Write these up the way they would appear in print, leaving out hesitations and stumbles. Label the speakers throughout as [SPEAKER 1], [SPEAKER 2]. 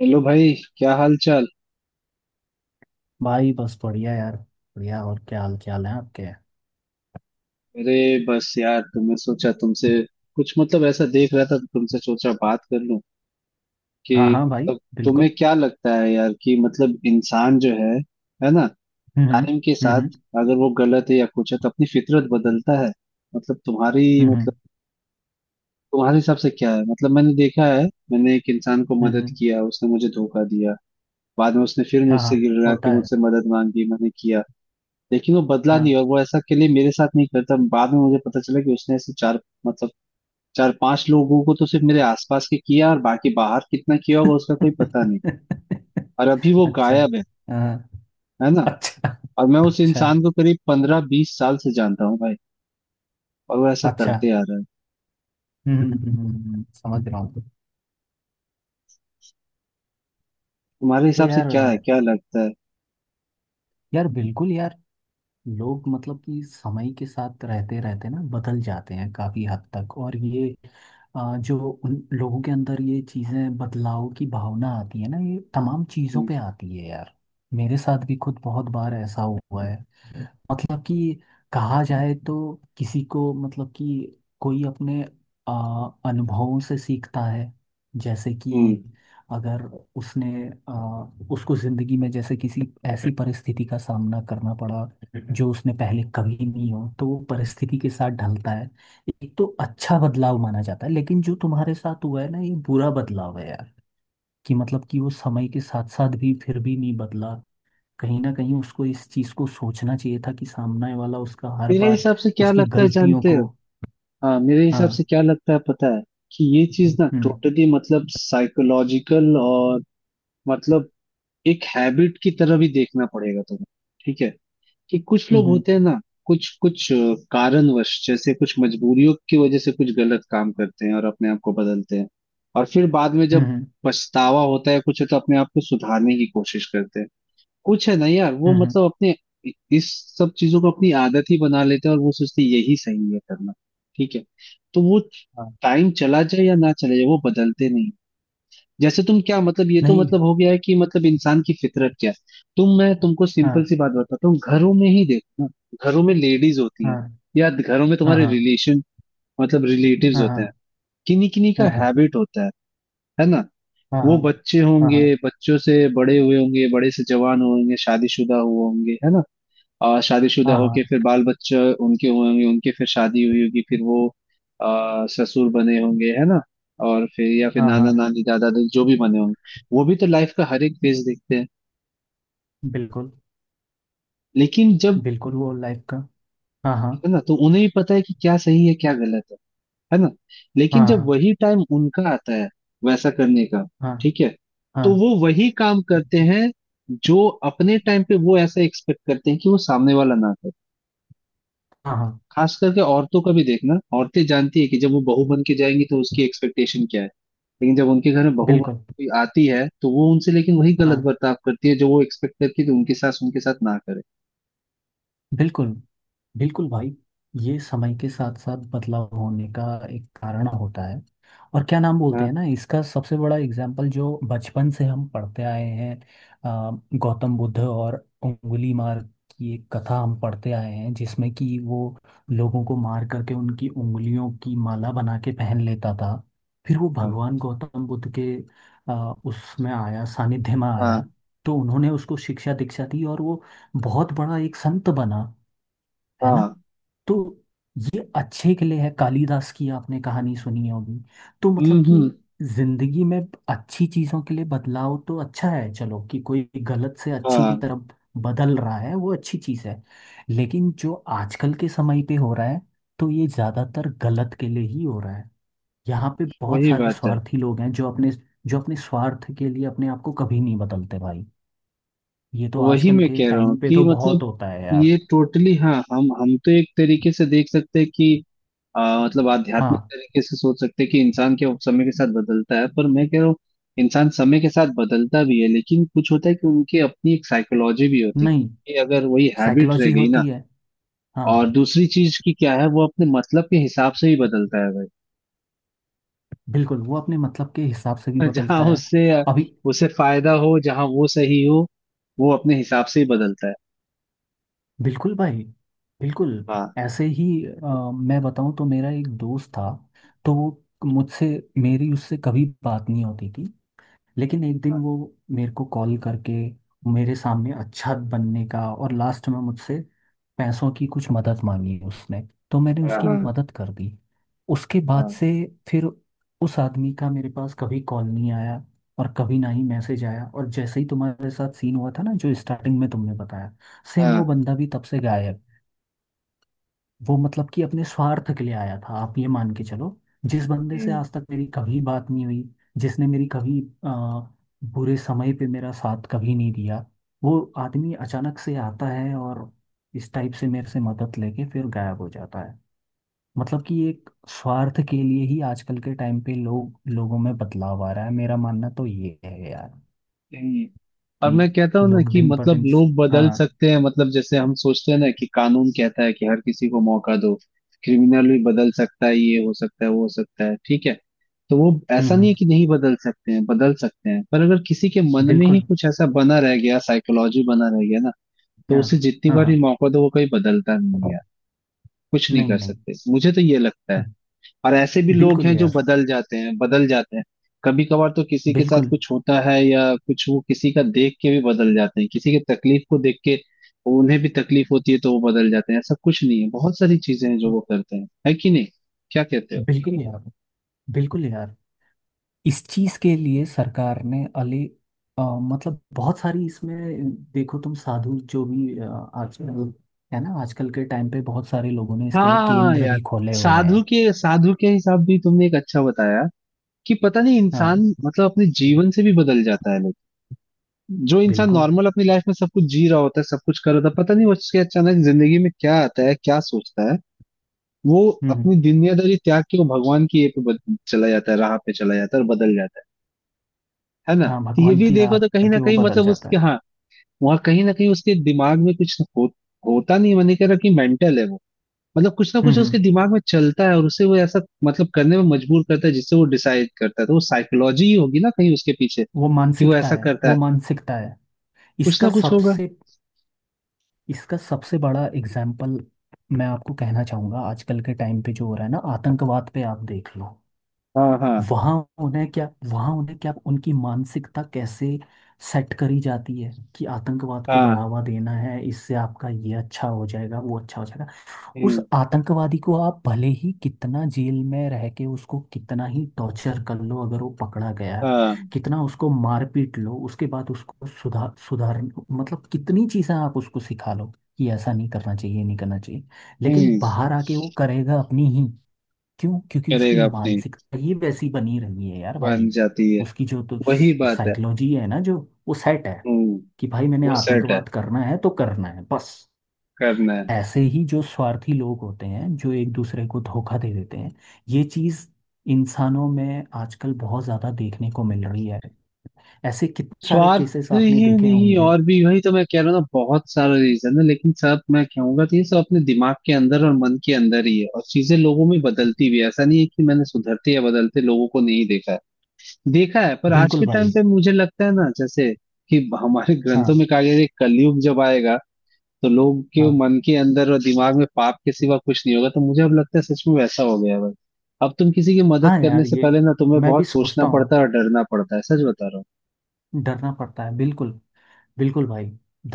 [SPEAKER 1] Hello भाई। क्या हाल चाल।
[SPEAKER 2] भाई बस बढ़िया यार, बढ़िया। और क्या हाल है आपके?
[SPEAKER 1] अरे बस यार, तो मैं सोचा तुमसे कुछ मतलब ऐसा देख रहा था तो तुमसे सोचा बात कर लूं कि
[SPEAKER 2] हाँ हाँ भाई।
[SPEAKER 1] मतलब
[SPEAKER 2] बिल्कुल।
[SPEAKER 1] तुम्हें क्या लगता है यार कि मतलब इंसान जो है ना,
[SPEAKER 2] हम्म।
[SPEAKER 1] टाइम के
[SPEAKER 2] हम्म। हम्म।
[SPEAKER 1] साथ अगर वो गलत है या कुछ है तो अपनी फितरत बदलता है। मतलब तुम्हारी
[SPEAKER 2] हम्म।
[SPEAKER 1] मतलब तुम्हारे हिसाब से क्या है। मतलब मैंने देखा है, मैंने एक इंसान को
[SPEAKER 2] हम्म, हम्म,
[SPEAKER 1] मदद
[SPEAKER 2] हम्म।
[SPEAKER 1] किया, उसने मुझे धोखा दिया। बाद में उसने फिर
[SPEAKER 2] हाँ
[SPEAKER 1] मुझसे
[SPEAKER 2] हाँ,
[SPEAKER 1] गिड़ रहा कि
[SPEAKER 2] होता
[SPEAKER 1] मुझसे
[SPEAKER 2] है।
[SPEAKER 1] मदद मांगी, मैंने किया। लेकिन वो बदला
[SPEAKER 2] हाँ।
[SPEAKER 1] नहीं, और वो ऐसा के लिए मेरे साथ नहीं करता। बाद में मुझे पता चला कि उसने ऐसे चार मतलब चार पांच लोगों को तो सिर्फ मेरे आसपास के किया, और बाकी बाहर कितना किया होगा उसका कोई पता नहीं। और अभी वो
[SPEAKER 2] अच्छा।
[SPEAKER 1] गायब है
[SPEAKER 2] हाँ।
[SPEAKER 1] है ना।
[SPEAKER 2] अच्छा।
[SPEAKER 1] और मैं उस
[SPEAKER 2] अच्छा।
[SPEAKER 1] इंसान को करीब पंद्रह बीस साल से जानता हूँ भाई, और वो ऐसा
[SPEAKER 2] अच्छा। हम्म।
[SPEAKER 1] करते आ रहा है।
[SPEAKER 2] समझ रहा हूँ।
[SPEAKER 1] तुम्हारे
[SPEAKER 2] तो
[SPEAKER 1] हिसाब से
[SPEAKER 2] यार,
[SPEAKER 1] क्या है, क्या लगता है।
[SPEAKER 2] यार बिल्कुल यार। लोग मतलब कि समय के साथ रहते रहते ना बदल जाते हैं काफी हद तक। और ये जो उन लोगों के अंदर ये चीजें बदलाव की भावना आती है ना, ये तमाम चीजों
[SPEAKER 1] हम्म,
[SPEAKER 2] पे आती है यार। मेरे साथ भी खुद बहुत बार ऐसा हुआ है। मतलब कि कहा जाए तो किसी को, मतलब कि कोई अपने अनुभवों से सीखता है। जैसे कि
[SPEAKER 1] हम्म।
[SPEAKER 2] अगर उसने आ, उसको जिंदगी में जैसे किसी ऐसी परिस्थिति का सामना करना पड़ा जो उसने पहले कभी नहीं हो, तो वो परिस्थिति के साथ ढलता है। एक तो अच्छा बदलाव माना जाता है, लेकिन जो तुम्हारे साथ हुआ है ना, ये बुरा बदलाव है यार। कि मतलब कि वो समय के साथ साथ भी फिर भी नहीं बदला। कहीं ना कहीं उसको इस चीज को सोचना चाहिए था कि सामने वाला उसका हर
[SPEAKER 1] मेरे
[SPEAKER 2] बार
[SPEAKER 1] हिसाब से क्या
[SPEAKER 2] उसकी
[SPEAKER 1] लगता है
[SPEAKER 2] गलतियों
[SPEAKER 1] जानते
[SPEAKER 2] को।
[SPEAKER 1] हो। हाँ, मेरे हिसाब से
[SPEAKER 2] हाँ।
[SPEAKER 1] क्या लगता है पता है कि ये चीज ना
[SPEAKER 2] हम्म।
[SPEAKER 1] टोटली मतलब साइकोलॉजिकल और मतलब एक हैबिट की तरह भी देखना पड़ेगा तुम्हें। ठीक है। कि कुछ
[SPEAKER 2] हम्म।
[SPEAKER 1] लोग
[SPEAKER 2] हम्म।
[SPEAKER 1] होते हैं ना, कुछ कुछ अ, कारणवश, जैसे कुछ मजबूरियों की वजह से कुछ गलत काम करते हैं और अपने आप को बदलते हैं। और फिर बाद में जब
[SPEAKER 2] हम्म।
[SPEAKER 1] पछतावा होता है कुछ, तो अपने आप को सुधारने की कोशिश करते हैं। कुछ है ना यार, वो
[SPEAKER 2] हम्म, हम्म,
[SPEAKER 1] मतलब अपने इस सब चीजों को अपनी आदत ही बना लेते हैं और वो सोचते हैं यही सही है करना। ठीक है। तो वो
[SPEAKER 2] हाँ।
[SPEAKER 1] टाइम चला जाए या ना चले जाए, वो बदलते नहीं। जैसे तुम क्या मतलब, ये तो
[SPEAKER 2] नहीं।
[SPEAKER 1] मतलब हो गया है कि मतलब इंसान की फितरत क्या है। तुम मैं तुमको सिंपल
[SPEAKER 2] हाँ
[SPEAKER 1] सी बात बताता हूँ, घरों में ही देखो ना। घरों में लेडीज होती हैं,
[SPEAKER 2] हाँ
[SPEAKER 1] या घरों में
[SPEAKER 2] हाँ
[SPEAKER 1] तुम्हारे
[SPEAKER 2] हाँ
[SPEAKER 1] रिलेशन मतलब रिलेटिव्स होते हैं।
[SPEAKER 2] हाँ।
[SPEAKER 1] किन्हीं किन्हीं का
[SPEAKER 2] हाँ हाँ
[SPEAKER 1] हैबिट होता है ना।
[SPEAKER 2] हाँ हाँ
[SPEAKER 1] वो बच्चे
[SPEAKER 2] हाँ। हाँ
[SPEAKER 1] होंगे,
[SPEAKER 2] हाँ
[SPEAKER 1] बच्चों से बड़े हुए होंगे, बड़े से जवान हुए होंगे, शादीशुदा हुए होंगे, है ना। शादीशुदा
[SPEAKER 2] हाँ,
[SPEAKER 1] होके
[SPEAKER 2] हाँ,
[SPEAKER 1] फिर बाल बच्चे उनके हुए होंगे, उनके फिर शादी हुई होगी, फिर वो ससुर बने होंगे, है ना। और फिर या फिर
[SPEAKER 2] हाँ,
[SPEAKER 1] नाना
[SPEAKER 2] हाँ,
[SPEAKER 1] नानी दादा दादी जो भी बने होंगे, वो भी तो लाइफ का हर एक फेज देखते हैं।
[SPEAKER 2] बिल्कुल।
[SPEAKER 1] लेकिन जब,
[SPEAKER 2] बिल्कुल। वो लाइफ का हाँ हाँ
[SPEAKER 1] है ना, तो उन्हें भी पता है कि क्या सही है क्या गलत है ना। लेकिन जब
[SPEAKER 2] हाँ
[SPEAKER 1] वही टाइम उनका आता है वैसा करने का,
[SPEAKER 2] हाँ
[SPEAKER 1] ठीक है, तो
[SPEAKER 2] हाँ।
[SPEAKER 1] वो वही काम करते हैं जो अपने टाइम पे वो ऐसा एक्सपेक्ट करते हैं कि वो सामने वाला ना करे।
[SPEAKER 2] हाँ हाँ।
[SPEAKER 1] खास करके औरतों का भी देखना, औरतें जानती है कि जब वो बहू बन के जाएंगी तो उसकी एक्सपेक्टेशन क्या है। लेकिन जब उनके घर में बहू बन
[SPEAKER 2] बिल्कुल।
[SPEAKER 1] कोई आती है, तो वो उनसे लेकिन वही गलत
[SPEAKER 2] हाँ।
[SPEAKER 1] बर्ताव करती है जो वो एक्सपेक्ट करती है कि उनकी सास उनके साथ ना करे।
[SPEAKER 2] बिल्कुल। बिल्कुल भाई। ये समय के साथ साथ बदलाव होने का एक कारण होता है। और क्या नाम बोलते
[SPEAKER 1] हाँ,
[SPEAKER 2] हैं ना, इसका सबसे बड़ा एग्जाम्पल जो बचपन से हम पढ़ते आए हैं। गौतम बुद्ध और उंगली मार की एक कथा हम पढ़ते आए हैं जिसमें कि वो लोगों को मार करके उनकी उंगलियों की माला बना के पहन लेता था। फिर वो
[SPEAKER 1] हाँ,
[SPEAKER 2] भगवान गौतम बुद्ध के उसमें आया, सानिध्य में
[SPEAKER 1] हाँ,
[SPEAKER 2] आया। तो उन्होंने उसको शिक्षा दीक्षा दी और वो बहुत बड़ा एक संत बना। है ना।
[SPEAKER 1] हाँ,
[SPEAKER 2] तो ये अच्छे के लिए है। कालिदास की आपने कहानी सुनी होगी। तो
[SPEAKER 1] हम्म,
[SPEAKER 2] मतलब कि जिंदगी में अच्छी चीजों के लिए बदलाव तो अच्छा है, चलो, कि कोई गलत से अच्छी की
[SPEAKER 1] हाँ।
[SPEAKER 2] तरफ बदल रहा है, वो अच्छी चीज है। लेकिन जो आजकल के समय पे हो रहा है, तो ये ज्यादातर गलत के लिए ही हो रहा है। यहाँ पे बहुत
[SPEAKER 1] वही
[SPEAKER 2] सारे
[SPEAKER 1] बात है।
[SPEAKER 2] स्वार्थी लोग हैं जो अपने स्वार्थ के लिए अपने आप को कभी नहीं बदलते भाई। ये तो
[SPEAKER 1] तो वही
[SPEAKER 2] आजकल
[SPEAKER 1] मैं
[SPEAKER 2] के
[SPEAKER 1] कह रहा हूँ
[SPEAKER 2] टाइम पे
[SPEAKER 1] कि
[SPEAKER 2] तो बहुत
[SPEAKER 1] मतलब
[SPEAKER 2] होता है यार।
[SPEAKER 1] ये टोटली, हाँ, हम तो एक तरीके से देख सकते हैं कि मतलब आध्यात्मिक
[SPEAKER 2] हाँ।
[SPEAKER 1] तरीके से सोच सकते हैं कि इंसान के समय के साथ बदलता है, पर मैं कह रहा हूँ इंसान समय के साथ बदलता भी है, लेकिन कुछ होता है कि उनकी अपनी एक साइकोलॉजी भी होती
[SPEAKER 2] नहीं,
[SPEAKER 1] है कि अगर वही हैबिट रह
[SPEAKER 2] साइकोलॉजी
[SPEAKER 1] गई ना।
[SPEAKER 2] होती है। हाँ।
[SPEAKER 1] और दूसरी चीज की क्या है, वो अपने मतलब के हिसाब से ही बदलता है भाई।
[SPEAKER 2] बिल्कुल, वो अपने मतलब के हिसाब से भी
[SPEAKER 1] जहाँ
[SPEAKER 2] बदलता है।
[SPEAKER 1] उससे
[SPEAKER 2] अभी।
[SPEAKER 1] उसे फायदा हो, जहाँ वो सही हो, वो अपने हिसाब से ही बदलता है।
[SPEAKER 2] बिल्कुल भाई। बिल्कुल।
[SPEAKER 1] हाँ,
[SPEAKER 2] ऐसे ही मैं बताऊं तो मेरा एक दोस्त था। तो वो मुझसे मेरी उससे कभी बात नहीं होती थी। लेकिन एक दिन
[SPEAKER 1] हाँ,
[SPEAKER 2] वो मेरे को कॉल करके मेरे सामने अच्छा बनने का और लास्ट में मुझसे पैसों की कुछ मदद मांगी उसने। तो मैंने
[SPEAKER 1] हाँ,
[SPEAKER 2] उसकी
[SPEAKER 1] हाँ,
[SPEAKER 2] मदद कर दी। उसके बाद से फिर उस आदमी का मेरे पास कभी कॉल नहीं आया और कभी ना ही मैसेज आया। और जैसे ही तुम्हारे साथ सीन हुआ था ना जो स्टार्टिंग में तुमने बताया, सेम
[SPEAKER 1] हाँ।
[SPEAKER 2] वो बंदा भी तब से गायब। वो मतलब कि अपने स्वार्थ के लिए आया था, आप ये मान के चलो। जिस बंदे
[SPEAKER 1] हाँ,
[SPEAKER 2] से आज तक मेरी कभी बात नहीं हुई, जिसने मेरी कभी आ, बुरे समय पे मेरा साथ कभी नहीं दिया, वो आदमी अचानक से आता है और इस टाइप से मेरे से मदद लेके फिर गायब हो जाता है। मतलब कि एक स्वार्थ के लिए ही आजकल के टाइम पे लोग, लोगों में बदलाव आ रहा है, मेरा मानना तो ये है यार।
[SPEAKER 1] नहीं। और
[SPEAKER 2] कि
[SPEAKER 1] मैं कहता हूँ ना
[SPEAKER 2] लोग
[SPEAKER 1] कि
[SPEAKER 2] दिन पर
[SPEAKER 1] मतलब
[SPEAKER 2] दिन।
[SPEAKER 1] लोग बदल
[SPEAKER 2] हाँ।
[SPEAKER 1] सकते हैं, मतलब जैसे हम सोचते हैं ना कि कानून कहता है कि हर किसी को मौका दो, क्रिमिनल भी बदल सकता है, ये हो सकता है वो हो सकता है, ठीक है। तो वो ऐसा नहीं
[SPEAKER 2] हम्म।
[SPEAKER 1] है कि नहीं बदल सकते हैं, बदल सकते हैं, पर अगर किसी के मन में ही
[SPEAKER 2] बिल्कुल।
[SPEAKER 1] कुछ ऐसा बना रह गया, साइकोलॉजी बना रह गया ना,
[SPEAKER 2] हाँ
[SPEAKER 1] तो उसे जितनी
[SPEAKER 2] हाँ।
[SPEAKER 1] बार
[SPEAKER 2] हाँ।
[SPEAKER 1] ही मौका दो वो कहीं बदलता नहीं है। कुछ नहीं
[SPEAKER 2] नहीं
[SPEAKER 1] कर
[SPEAKER 2] नहीं।
[SPEAKER 1] सकते, मुझे तो ये लगता है। और ऐसे भी लोग
[SPEAKER 2] बिल्कुल
[SPEAKER 1] हैं जो
[SPEAKER 2] यार।
[SPEAKER 1] बदल जाते हैं, बदल जाते हैं। कभी कभार तो किसी के साथ
[SPEAKER 2] बिल्कुल।
[SPEAKER 1] कुछ होता है, या कुछ वो किसी का देख के भी बदल जाते हैं, किसी के तकलीफ को देख के उन्हें भी तकलीफ होती है तो वो बदल जाते हैं। ऐसा कुछ नहीं है, बहुत सारी चीजें हैं जो वो करते हैं, है कि नहीं, क्या कहते हो।
[SPEAKER 2] बिल्कुल यार। बिल्कुल यार। इस चीज के लिए सरकार ने अली मतलब बहुत सारी इसमें देखो तुम, साधु जो भी आजकल, है ना, आजकल के टाइम पे बहुत सारे लोगों ने इसके लिए
[SPEAKER 1] हाँ
[SPEAKER 2] केंद्र
[SPEAKER 1] यार,
[SPEAKER 2] भी खोले हुए हैं।
[SPEAKER 1] साधु के हिसाब भी तुमने एक अच्छा बताया कि पता नहीं
[SPEAKER 2] हाँ।
[SPEAKER 1] इंसान मतलब अपने जीवन से भी बदल जाता है लोग। जो इंसान
[SPEAKER 2] बिल्कुल।
[SPEAKER 1] नॉर्मल अपनी लाइफ में सब कुछ जी रहा होता है, सब कुछ कर रहा होता है, पता नहीं उसके अचानक जिंदगी में क्या आता है, क्या सोचता है, वो
[SPEAKER 2] हम्म।
[SPEAKER 1] अपनी दुनियादारी त्याग के वो भगवान की ये पे चला जाता है, राह पे चला जाता है और बदल जाता है ना।
[SPEAKER 2] हाँ,
[SPEAKER 1] तो ये
[SPEAKER 2] भगवान
[SPEAKER 1] भी
[SPEAKER 2] की राह
[SPEAKER 1] देखो तो कहीं ना
[SPEAKER 2] करके वो
[SPEAKER 1] कहीं
[SPEAKER 2] बदल
[SPEAKER 1] मतलब
[SPEAKER 2] जाता
[SPEAKER 1] उसके,
[SPEAKER 2] है।
[SPEAKER 1] हाँ, वहाँ कहीं ना कहीं उसके दिमाग में कुछ होता। नहीं मैंने कह रहा कि मेंटल है वो, मतलब कुछ ना
[SPEAKER 2] हम्म
[SPEAKER 1] कुछ
[SPEAKER 2] हम्म,
[SPEAKER 1] उसके दिमाग में चलता है और उसे वो ऐसा मतलब करने में मजबूर करता है जिससे वो डिसाइड करता है, तो वो साइकोलॉजी ही होगी ना कहीं उसके पीछे
[SPEAKER 2] वो
[SPEAKER 1] कि वो
[SPEAKER 2] मानसिकता
[SPEAKER 1] ऐसा
[SPEAKER 2] है,
[SPEAKER 1] करता
[SPEAKER 2] वो
[SPEAKER 1] है,
[SPEAKER 2] मानसिकता है।
[SPEAKER 1] कुछ
[SPEAKER 2] इसका
[SPEAKER 1] ना कुछ होगा।
[SPEAKER 2] सबसे इसका सबसे बड़ा एग्जाम्पल मैं आपको कहना चाहूंगा। आजकल के टाइम पे जो हो रहा है ना, आतंकवाद पे आप देख लो।
[SPEAKER 1] हाँ, हाँ,
[SPEAKER 2] वहां उन्हें क्या, उनकी मानसिकता कैसे सेट करी जाती है, कि आतंकवाद को
[SPEAKER 1] हाँ,
[SPEAKER 2] बढ़ावा देना है, इससे आपका ये अच्छा हो जाएगा, वो अच्छा हो जाएगा। उस
[SPEAKER 1] हम्म,
[SPEAKER 2] आतंकवादी को आप भले ही कितना जेल में रह के उसको कितना ही टॉर्चर कर लो, अगर वो पकड़ा गया,
[SPEAKER 1] हाँ,
[SPEAKER 2] कितना उसको मारपीट लो, उसके बाद उसको सुधार सुधार, मतलब कितनी चीजें आप उसको सिखा लो कि ऐसा नहीं करना चाहिए, ये नहीं करना चाहिए, लेकिन
[SPEAKER 1] हम्म।
[SPEAKER 2] बाहर आके वो करेगा अपनी ही। क्यों? क्योंकि उसकी
[SPEAKER 1] करेगा अपनी,
[SPEAKER 2] मानसिकता ही वैसी बनी रही है यार
[SPEAKER 1] बन
[SPEAKER 2] भाई।
[SPEAKER 1] जाती है,
[SPEAKER 2] उसकी जो तो
[SPEAKER 1] वही बात है।
[SPEAKER 2] साइकोलॉजी है ना, जो वो सेट है,
[SPEAKER 1] हम्म।
[SPEAKER 2] कि भाई मैंने
[SPEAKER 1] वो सेट है,
[SPEAKER 2] आतंकवाद करना है तो करना है बस।
[SPEAKER 1] करना है।
[SPEAKER 2] ऐसे ही जो स्वार्थी लोग होते हैं जो एक दूसरे को धोखा दे देते हैं, ये चीज इंसानों में आजकल बहुत ज्यादा देखने को मिल रही है। ऐसे कितने सारे
[SPEAKER 1] स्वार्थ
[SPEAKER 2] केसेस आपने
[SPEAKER 1] ही
[SPEAKER 2] देखे
[SPEAKER 1] नहीं
[SPEAKER 2] होंगे।
[SPEAKER 1] और भी, वही तो मैं कह रहा हूँ ना, बहुत सारा रीजन है, लेकिन सब मैं कहूंगा तो ये सब अपने दिमाग के अंदर और मन के अंदर ही है। और चीजें लोगों में बदलती भी है, ऐसा नहीं है कि मैंने सुधरते या बदलते लोगों को नहीं देखा है। देखा है, पर आज
[SPEAKER 2] बिल्कुल
[SPEAKER 1] के टाइम
[SPEAKER 2] भाई।
[SPEAKER 1] पे मुझे लगता है ना, जैसे कि हमारे ग्रंथों
[SPEAKER 2] हाँ
[SPEAKER 1] में कहा गया है कि कलयुग जब आएगा तो लोग के
[SPEAKER 2] हाँ
[SPEAKER 1] मन के अंदर और दिमाग में पाप के सिवा कुछ नहीं होगा, तो मुझे अब लगता है सच में वैसा हो गया है भाई। अब तुम किसी की मदद
[SPEAKER 2] हाँ।
[SPEAKER 1] करने
[SPEAKER 2] यार
[SPEAKER 1] से
[SPEAKER 2] ये,
[SPEAKER 1] पहले ना तुम्हें
[SPEAKER 2] मैं भी
[SPEAKER 1] बहुत सोचना
[SPEAKER 2] सोचता
[SPEAKER 1] पड़ता
[SPEAKER 2] हूँ,
[SPEAKER 1] है और डरना पड़ता है, सच बता रहा हूँ।
[SPEAKER 2] डरना पड़ता है बिल्कुल। बिल्कुल भाई।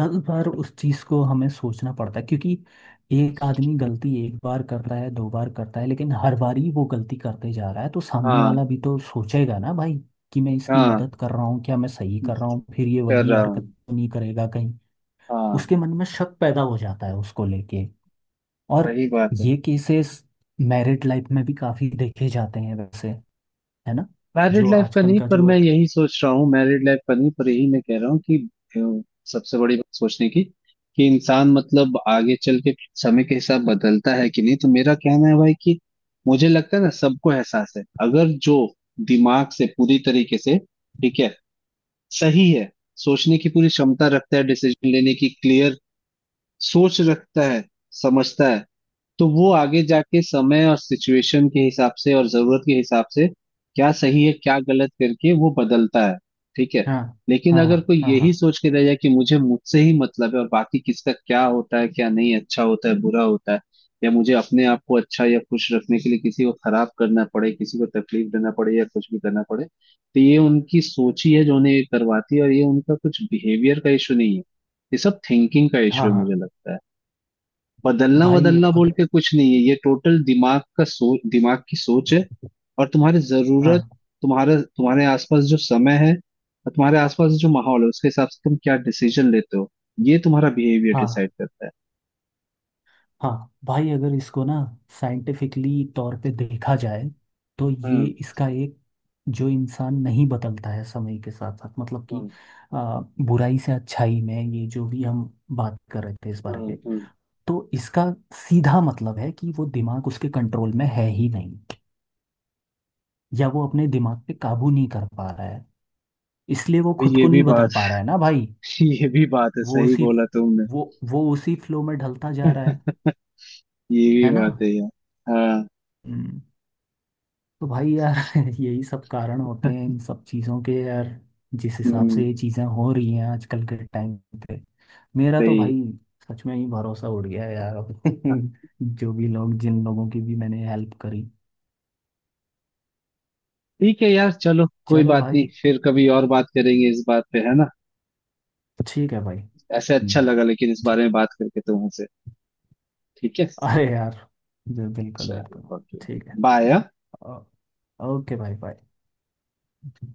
[SPEAKER 2] दस बार उस चीज़ को हमें सोचना पड़ता है, क्योंकि एक आदमी गलती एक बार करता है, दो बार करता है, लेकिन हर बार ही वो गलती करते जा रहा है, तो सामने
[SPEAKER 1] हाँ,
[SPEAKER 2] वाला भी तो सोचेगा ना भाई, कि मैं इसकी
[SPEAKER 1] हाँ,
[SPEAKER 2] मदद कर रहा हूँ, क्या मैं सही कर रहा हूँ, फिर ये
[SPEAKER 1] कर
[SPEAKER 2] वही
[SPEAKER 1] रहा हूँ,
[SPEAKER 2] हरकत तो नहीं करेगा कहीं।
[SPEAKER 1] हाँ।
[SPEAKER 2] उसके मन में शक पैदा हो जाता है उसको लेके। और
[SPEAKER 1] वही बात है।
[SPEAKER 2] ये केसेस मैरिड लाइफ में भी काफ़ी देखे जाते हैं वैसे, है ना।
[SPEAKER 1] मैरिड
[SPEAKER 2] जो
[SPEAKER 1] लाइफ का
[SPEAKER 2] आजकल
[SPEAKER 1] नहीं,
[SPEAKER 2] का
[SPEAKER 1] पर मैं
[SPEAKER 2] जो
[SPEAKER 1] यही सोच रहा हूँ, मैरिड लाइफ का नहीं, पर यही मैं कह रहा हूँ कि अ, सबसे बड़ी बात सोचने की कि इंसान मतलब आगे चल के समय के हिसाब बदलता है कि नहीं, तो मेरा कहना है भाई कि मुझे लगता है ना, सबको एहसास है। अगर जो दिमाग से पूरी तरीके से ठीक है, सही है, सोचने की पूरी क्षमता रखता है, डिसीजन लेने की क्लियर सोच रखता है, समझता है, तो वो आगे जाके समय और सिचुएशन के हिसाब से और जरूरत के हिसाब से क्या सही है क्या गलत करके वो बदलता है, ठीक है।
[SPEAKER 2] हाँ
[SPEAKER 1] लेकिन
[SPEAKER 2] हाँ हाँ
[SPEAKER 1] अगर कोई
[SPEAKER 2] हाँ हाँ
[SPEAKER 1] यही सोच के रह जाए कि मुझे मुझसे ही मतलब है और बाकी किसका क्या होता है क्या नहीं, अच्छा होता है बुरा होता है, या मुझे अपने आप को अच्छा या खुश रखने के लिए किसी को खराब करना पड़े, किसी को तकलीफ देना पड़े या कुछ भी करना पड़े, तो ये उनकी सोच ही है जो उन्हें ये करवाती है, और ये उनका कुछ बिहेवियर का इशू नहीं है, ये सब थिंकिंग का इशू
[SPEAKER 2] हाँ
[SPEAKER 1] है,
[SPEAKER 2] हाँ।
[SPEAKER 1] मुझे लगता है। बदलना
[SPEAKER 2] भाई
[SPEAKER 1] बदलना बोल
[SPEAKER 2] अगर
[SPEAKER 1] के कुछ नहीं है, ये टोटल दिमाग का सोच, दिमाग की सोच है। और तुम्हारी जरूरत,
[SPEAKER 2] हाँ
[SPEAKER 1] तुम्हारे तुम्हारे आसपास जो समय है और तुम्हारे आसपास जो माहौल है, उसके हिसाब से तुम क्या डिसीजन लेते हो, ये तुम्हारा बिहेवियर
[SPEAKER 2] हाँ
[SPEAKER 1] डिसाइड करता है।
[SPEAKER 2] हाँ भाई, अगर इसको ना साइंटिफिकली तौर पे देखा जाए, तो ये
[SPEAKER 1] हम्म,
[SPEAKER 2] इसका एक, जो इंसान नहीं बदलता है समय के साथ साथ, मतलब कि
[SPEAKER 1] हम्म,
[SPEAKER 2] आ, बुराई से अच्छाई में, ये जो भी हम बात कर रहे थे इस बारे
[SPEAKER 1] हम्म,
[SPEAKER 2] पे, तो इसका सीधा मतलब है कि वो दिमाग उसके कंट्रोल में है ही नहीं, या वो अपने दिमाग पे काबू नहीं कर पा रहा है, इसलिए वो
[SPEAKER 1] अभी
[SPEAKER 2] खुद
[SPEAKER 1] ये
[SPEAKER 2] को
[SPEAKER 1] भी
[SPEAKER 2] नहीं बदल
[SPEAKER 1] बात,
[SPEAKER 2] पा रहा है ना भाई।
[SPEAKER 1] ये भी बात है,
[SPEAKER 2] वो
[SPEAKER 1] सही
[SPEAKER 2] उसी
[SPEAKER 1] बोला तुमने।
[SPEAKER 2] वो वो उसी फ्लो में ढलता जा रहा है।
[SPEAKER 1] ये भी
[SPEAKER 2] है ना।
[SPEAKER 1] बात है यार। हाँ,
[SPEAKER 2] हम्म। तो भाई यार यही सब कारण होते हैं इन सब चीज़ों के यार। जिस हिसाब
[SPEAKER 1] हम्म,
[SPEAKER 2] से ये चीज़ें हो रही हैं आजकल के टाइम पे, मेरा तो
[SPEAKER 1] सही।
[SPEAKER 2] भाई सच में ही भरोसा उड़ गया है यार अब जो भी लोग, जिन लोगों की भी मैंने हेल्प करी।
[SPEAKER 1] ठीक है यार, चलो कोई
[SPEAKER 2] चलो
[SPEAKER 1] बात नहीं,
[SPEAKER 2] भाई।
[SPEAKER 1] फिर कभी और बात करेंगे इस बात पे, है ना।
[SPEAKER 2] ठीक है भाई।
[SPEAKER 1] ऐसे अच्छा
[SPEAKER 2] हम्म,
[SPEAKER 1] लगा लेकिन इस बारे
[SPEAKER 2] ठीक।
[SPEAKER 1] में बात करके तुमसे। ठीक है,
[SPEAKER 2] अरे यार, जी, बिल्कुल बिल्कुल।
[SPEAKER 1] चलो ओके,
[SPEAKER 2] ठीक है।
[SPEAKER 1] बाय।
[SPEAKER 2] ओ- ओके भाई, बाय।